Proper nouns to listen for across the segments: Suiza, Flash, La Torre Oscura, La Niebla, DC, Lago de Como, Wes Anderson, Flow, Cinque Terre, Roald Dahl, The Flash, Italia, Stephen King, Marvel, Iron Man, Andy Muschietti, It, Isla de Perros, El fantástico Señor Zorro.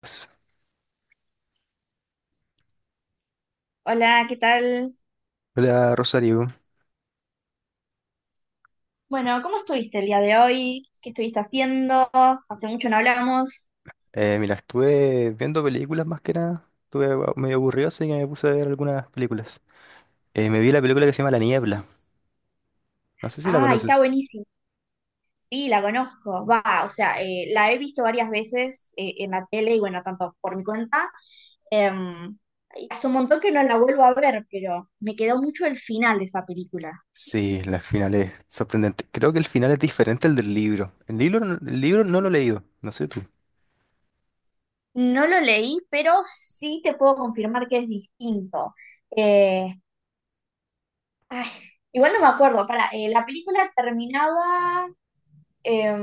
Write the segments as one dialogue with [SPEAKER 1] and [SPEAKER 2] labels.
[SPEAKER 1] Pues,
[SPEAKER 2] Hola, ¿qué tal?
[SPEAKER 1] hola Rosario.
[SPEAKER 2] Bueno, ¿cómo estuviste el día de hoy? ¿Qué estuviste haciendo? Hace mucho no hablamos.
[SPEAKER 1] Mira, estuve viendo películas más que nada, estuve medio aburrido, así que me puse a ver algunas películas. Me vi la película que se llama La Niebla, no sé si la
[SPEAKER 2] Ah, está
[SPEAKER 1] conoces.
[SPEAKER 2] buenísimo. Sí, la conozco. Va, o sea, la he visto varias veces en la tele y bueno, tanto por mi cuenta. em, y hace un montón que no la vuelvo a ver, pero me quedó mucho el final de esa película.
[SPEAKER 1] Sí, la final es sorprendente. Creo que el final es diferente al del libro. El libro, el libro no lo he leído, no sé tú.
[SPEAKER 2] No lo leí, pero sí te puedo confirmar que es distinto. Eh, Ay, igual no me acuerdo. Para, la película terminaba. eh,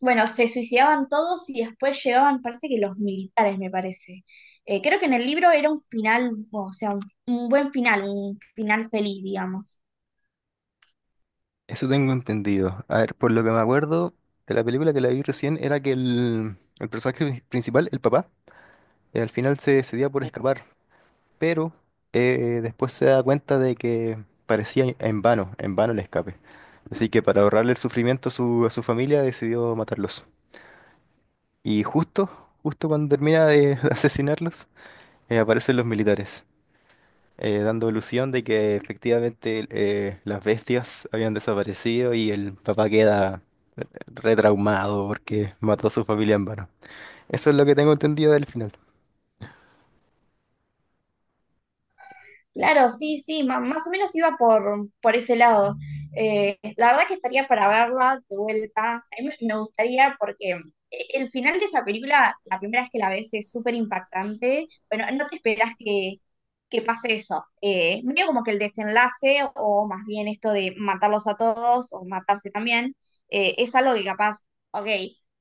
[SPEAKER 2] bueno, se suicidaban todos y después llegaban, parece que los militares, me parece. Creo que en el libro era un final, o sea, un buen final, un final feliz, digamos.
[SPEAKER 1] Eso tengo entendido. A ver, por lo que me acuerdo de la película que la vi recién era que el personaje principal, el papá, al final se decidía por escapar, pero después se da cuenta de que parecía en vano el escape. Así que para ahorrarle el sufrimiento a a su familia decidió matarlos. Y justo, justo cuando termina de asesinarlos, aparecen los militares, dando ilusión de que efectivamente las bestias habían desaparecido y el papá queda retraumado porque mató a su familia en vano. Eso es lo que tengo entendido del final.
[SPEAKER 2] Claro, sí, sí, más o menos iba por ese lado. La verdad que estaría para verla de vuelta. A mí me gustaría porque el final de esa película, la primera vez que la ves es súper impactante. Bueno, no te esperas que pase eso. Medio como que el desenlace, o más bien esto de matarlos a todos o matarse también, es algo que capaz, ok,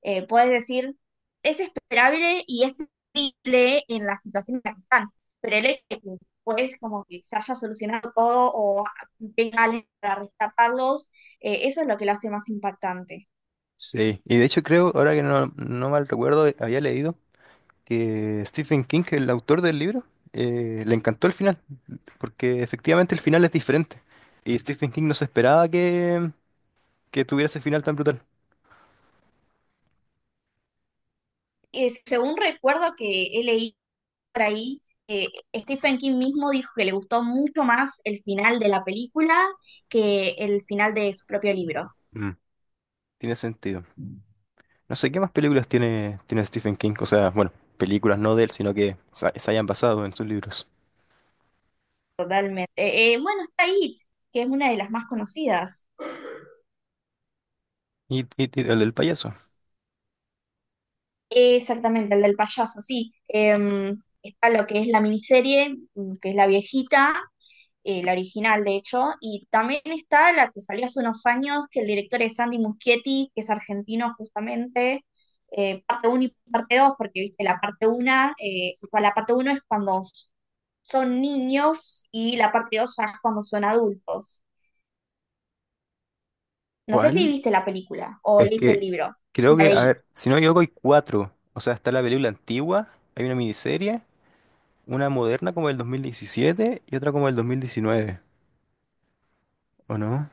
[SPEAKER 2] puedes decir, es esperable y es simple en la situación en la que están. Pero el hecho de que después como que se haya solucionado todo o venga alguien para rescatarlos, eso es lo que lo hace más impactante.
[SPEAKER 1] Sí, y de hecho creo, ahora que no mal recuerdo, había leído que Stephen King, el autor del libro, le encantó el final, porque efectivamente el final es diferente. Y Stephen King no se esperaba que tuviera ese final tan brutal.
[SPEAKER 2] Según recuerdo que he leído por ahí, eh, Stephen King mismo dijo que le gustó mucho más el final de la película que el final de su propio libro.
[SPEAKER 1] Mm. Tiene sentido. No sé qué más películas tiene Stephen King, o sea, bueno, películas no de él, sino que se hayan basado en sus libros.
[SPEAKER 2] Realmente. Bueno, está It, que es una de las más conocidas.
[SPEAKER 1] Y, y el del payaso.
[SPEAKER 2] Exactamente, el del payaso, sí. Está lo que es la miniserie, que es la viejita, la original de hecho, y también está la que salió hace unos años, que el director es Andy Muschietti, que es argentino justamente, parte uno y parte 2 porque viste, la parte 1, la parte uno es cuando son niños y la parte 2 ya es cuando son adultos. No sé si
[SPEAKER 1] ¿Cuál?
[SPEAKER 2] viste la película o
[SPEAKER 1] Es
[SPEAKER 2] leíste el
[SPEAKER 1] que
[SPEAKER 2] libro,
[SPEAKER 1] creo
[SPEAKER 2] la
[SPEAKER 1] que,
[SPEAKER 2] de
[SPEAKER 1] a
[SPEAKER 2] I.
[SPEAKER 1] ver, si no me equivoco, hay cuatro. O sea, está la película antigua, hay una miniserie, una moderna como del 2017 y otra como del 2019, ¿o no?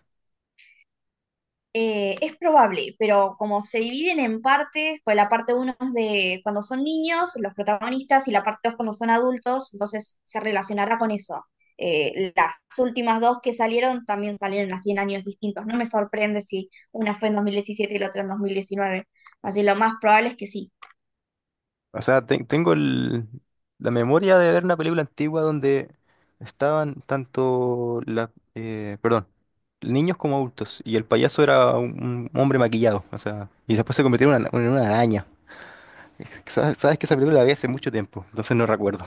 [SPEAKER 2] Es probable, pero como se dividen en partes, pues la parte uno es de cuando son niños, los protagonistas, y la parte 2 cuando son adultos, entonces se relacionará con eso. Las últimas dos que salieron también salieron así en años distintos. No me sorprende si una fue en 2017 y la otra en 2019. Así lo más probable es que sí.
[SPEAKER 1] O sea, tengo la memoria de ver una película antigua donde estaban tanto la, perdón, niños como adultos y el payaso era un hombre maquillado, o sea, y después se convirtió en una araña. Sabes que esa película la vi hace mucho tiempo, entonces no recuerdo.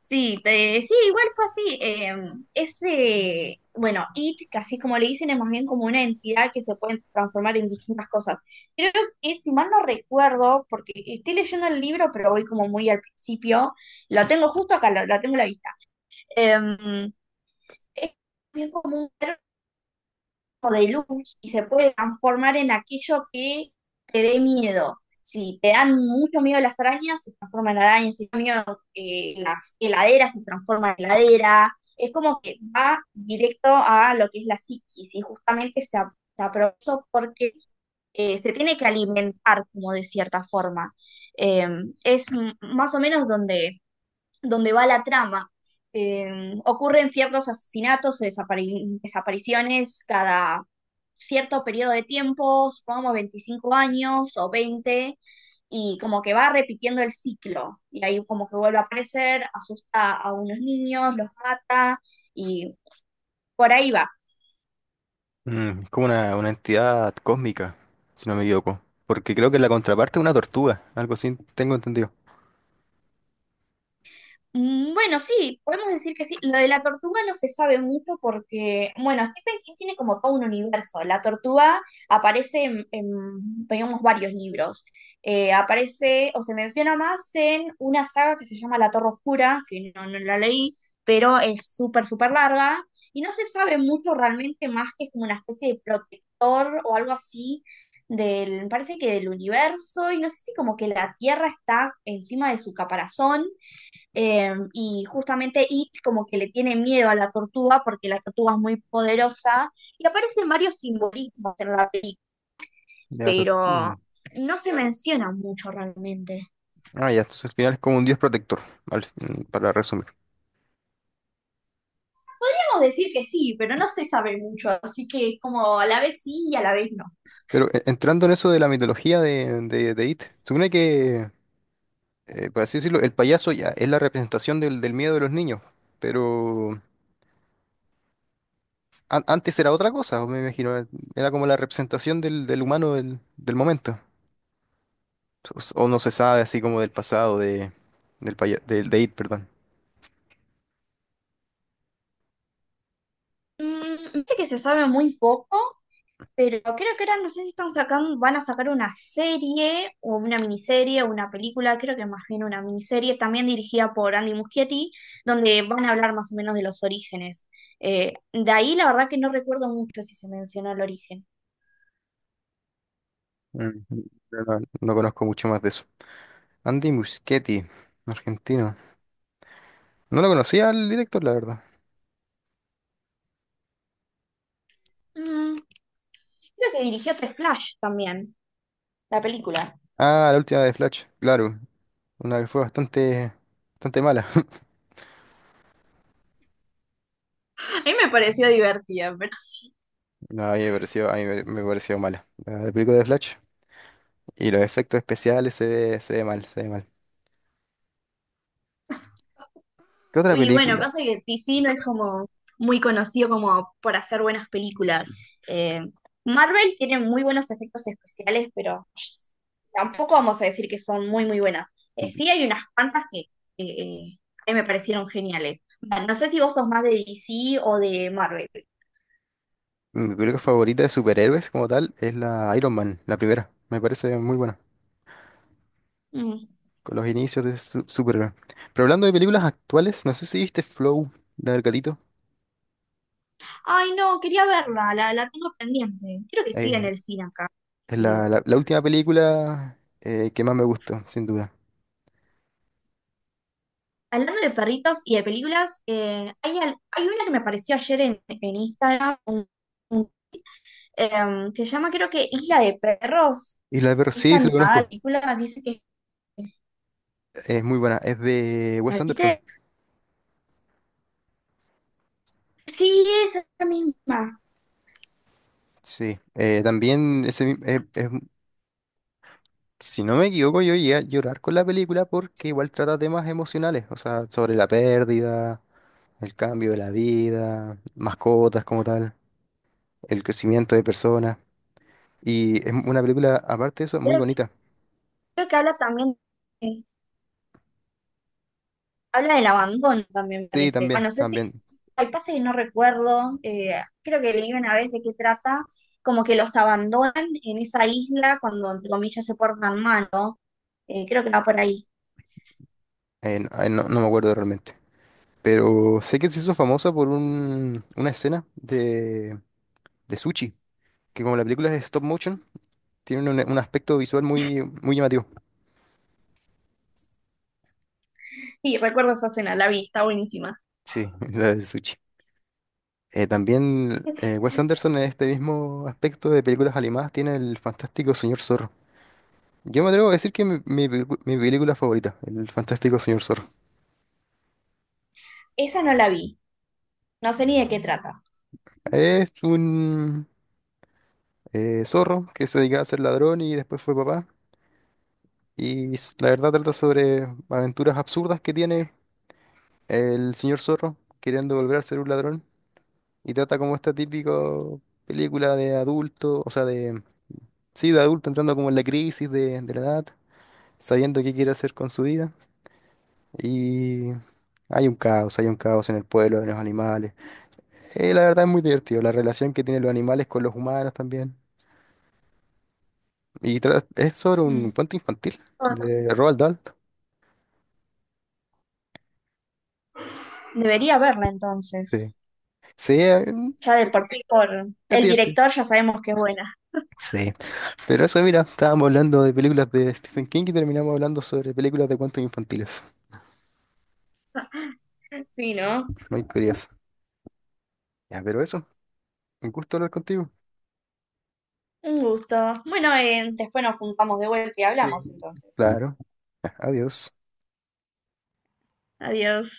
[SPEAKER 2] Sí, sí, igual fue así. Ese, bueno, IT, que así como le dicen, es más bien como una entidad que se puede transformar en distintas cosas. Creo que, si mal no recuerdo, porque estoy leyendo el libro, pero voy como muy al principio, lo tengo justo acá, lo tengo a la vista. Eh, es bien común de luz y se puede transformar en aquello que te dé miedo. Si te dan mucho miedo las arañas, se transforman en arañas. Si te dan miedo las heladeras, se transforman en heladera. Es como que va directo a lo que es la psiquis y justamente se aprovechó porque se tiene que alimentar como de cierta forma. Eh, es más o menos donde va la trama. Ocurren ciertos asesinatos o desapariciones cada cierto periodo de tiempo, supongamos 25 años o 20, y como que va repitiendo el ciclo. Y ahí como que vuelve a aparecer, asusta a unos niños, los mata, y por ahí va.
[SPEAKER 1] Mm, es como una entidad cósmica, si no me equivoco, porque creo que la contraparte es una tortuga, algo así tengo entendido.
[SPEAKER 2] Mm. Bueno, sí, podemos decir que sí. Lo de la tortuga no se sabe mucho porque, bueno, Stephen King tiene como todo un universo. La tortuga aparece en, digamos, varios libros. Aparece o se menciona más en una saga que se llama La Torre Oscura, que no, no la leí, pero es súper, súper larga. Y no se sabe mucho realmente más que es como una especie de protector o algo así del, parece que del universo. Y no sé si como que la Tierra está encima de su caparazón y justamente It como que le tiene miedo a la tortuga porque la tortuga es muy poderosa y aparecen varios simbolismos en la película,
[SPEAKER 1] De la tortuga.
[SPEAKER 2] pero no se menciona mucho realmente.
[SPEAKER 1] Ah, ya, entonces al final es como un dios protector, para resumir.
[SPEAKER 2] Podríamos decir que sí, pero no se sabe mucho, así que es como a la vez sí y a la vez no.
[SPEAKER 1] Pero entrando en eso de la mitología de It, supone que, por así decirlo, el payaso ya es la representación del miedo de los niños, pero antes era otra cosa, me imagino, era como la representación del humano del momento, o, o no se sabe así como del pasado de, de It, perdón.
[SPEAKER 2] Mm, dice que se sabe muy poco. Pero creo que ahora no sé si están sacando, van a sacar una serie o una miniserie o una película, creo que más bien una miniserie, también dirigida por Andy Muschietti, donde van a hablar más o menos de los orígenes. De ahí la verdad que no recuerdo mucho si se mencionó el origen.
[SPEAKER 1] Mm, no, no conozco mucho más de eso. Andy Muschietti, argentino. No lo conocía el director, la verdad.
[SPEAKER 2] Mm, creo que dirigió The Flash también, la película.
[SPEAKER 1] Ah, la última de Flash, claro, una que fue bastante, bastante mala.
[SPEAKER 2] A mí me pareció divertida.
[SPEAKER 1] No, a mí me pareció, a mí me pareció mala. La la película de Flash y los efectos especiales se ve mal, se ve mal. ¿Qué otra
[SPEAKER 2] Y bueno,
[SPEAKER 1] película?
[SPEAKER 2] pasa que DC no es como muy conocido como por hacer buenas películas.
[SPEAKER 1] Sí.
[SPEAKER 2] Eh, Marvel tiene muy buenos efectos especiales, pero tampoco vamos a decir que son muy, muy buenas.
[SPEAKER 1] Mi
[SPEAKER 2] Sí hay unas cuantas que a mí me parecieron geniales. Bueno, no sé si vos sos más de DC o de Marvel.
[SPEAKER 1] mi película favorita de superhéroes como tal es la Iron Man, la primera. Me parece muy buena,
[SPEAKER 2] Mm.
[SPEAKER 1] con los inicios de superhéroe. Pero hablando de películas actuales, no sé si viste Flow, la del gatito.
[SPEAKER 2] Ay, no, quería verla, la tengo pendiente. Creo que sigue
[SPEAKER 1] Eh,
[SPEAKER 2] en el cine acá.
[SPEAKER 1] es la, la última película que más me gustó, sin duda.
[SPEAKER 2] Hablando de perritos y de películas, hay una que me apareció ayer en Instagram, un- se llama creo que Isla de Perros,
[SPEAKER 1] Y la pero
[SPEAKER 2] es
[SPEAKER 1] sí, sí la
[SPEAKER 2] animada la
[SPEAKER 1] conozco.
[SPEAKER 2] película, dice que
[SPEAKER 1] Es muy buena. Es de
[SPEAKER 2] la
[SPEAKER 1] Wes Anderson.
[SPEAKER 2] viste. Sí, es la misma,
[SPEAKER 1] Sí. También ese, es, si no me equivoco, yo llegué a llorar con la película porque igual trata temas emocionales, o sea, sobre la pérdida, el cambio de la vida, mascotas como tal, el crecimiento de personas. Y es una película, aparte de eso, muy
[SPEAKER 2] creo,
[SPEAKER 1] bonita.
[SPEAKER 2] creo que habla también, eh, habla del abandono también me
[SPEAKER 1] Sí,
[SPEAKER 2] parece.
[SPEAKER 1] también,
[SPEAKER 2] Bueno, no sé si,
[SPEAKER 1] también.
[SPEAKER 2] hay pasa que no recuerdo, creo que leí una vez de qué trata, como que los abandonan en esa isla cuando entre comillas se portan mal, ¿no? Creo que va por ahí.
[SPEAKER 1] No, no me acuerdo realmente. Pero sé que se hizo famosa por una escena de sushi, que como la película es stop motion, tiene un aspecto visual muy, muy llamativo.
[SPEAKER 2] Sí, recuerdo esa escena, la vi, está buenísima.
[SPEAKER 1] Sí, la de sushi. También, Wes Anderson, en este mismo aspecto de películas animadas, tiene el fantástico Señor Zorro. Yo me atrevo a decir que mi, mi película favorita, el fantástico Señor Zorro.
[SPEAKER 2] Esa no la vi, no sé ni de qué trata.
[SPEAKER 1] Es un zorro que se dedicaba a ser ladrón y después fue papá. Y la verdad trata sobre aventuras absurdas que tiene el señor Zorro queriendo volver a ser un ladrón. Y trata como esta típica película de adulto, o sea, de... Sí, de adulto entrando como en la crisis de la edad, sabiendo qué quiere hacer con su vida. Y hay un caos en el pueblo, de los animales. La verdad es muy divertido, la relación que tienen los animales con los humanos también. Y es sobre un
[SPEAKER 2] Mm.
[SPEAKER 1] cuento infantil
[SPEAKER 2] Bueno,
[SPEAKER 1] de Roald Dahl.
[SPEAKER 2] debería verla
[SPEAKER 1] Sí,
[SPEAKER 2] entonces.
[SPEAKER 1] sí,
[SPEAKER 2] Ya de por sí, por
[SPEAKER 1] es
[SPEAKER 2] el
[SPEAKER 1] divertido.
[SPEAKER 2] director ya sabemos que es buena.
[SPEAKER 1] Sí, pero eso, mira, estábamos hablando de películas de Stephen King y terminamos hablando sobre películas de cuentos infantiles.
[SPEAKER 2] Sí, ¿no?
[SPEAKER 1] Muy curioso. Ya, pero eso, un gusto hablar contigo.
[SPEAKER 2] Un gusto. Bueno, después nos juntamos de vuelta y
[SPEAKER 1] Sí.
[SPEAKER 2] hablamos entonces.
[SPEAKER 1] Claro, ya, adiós.
[SPEAKER 2] Adiós.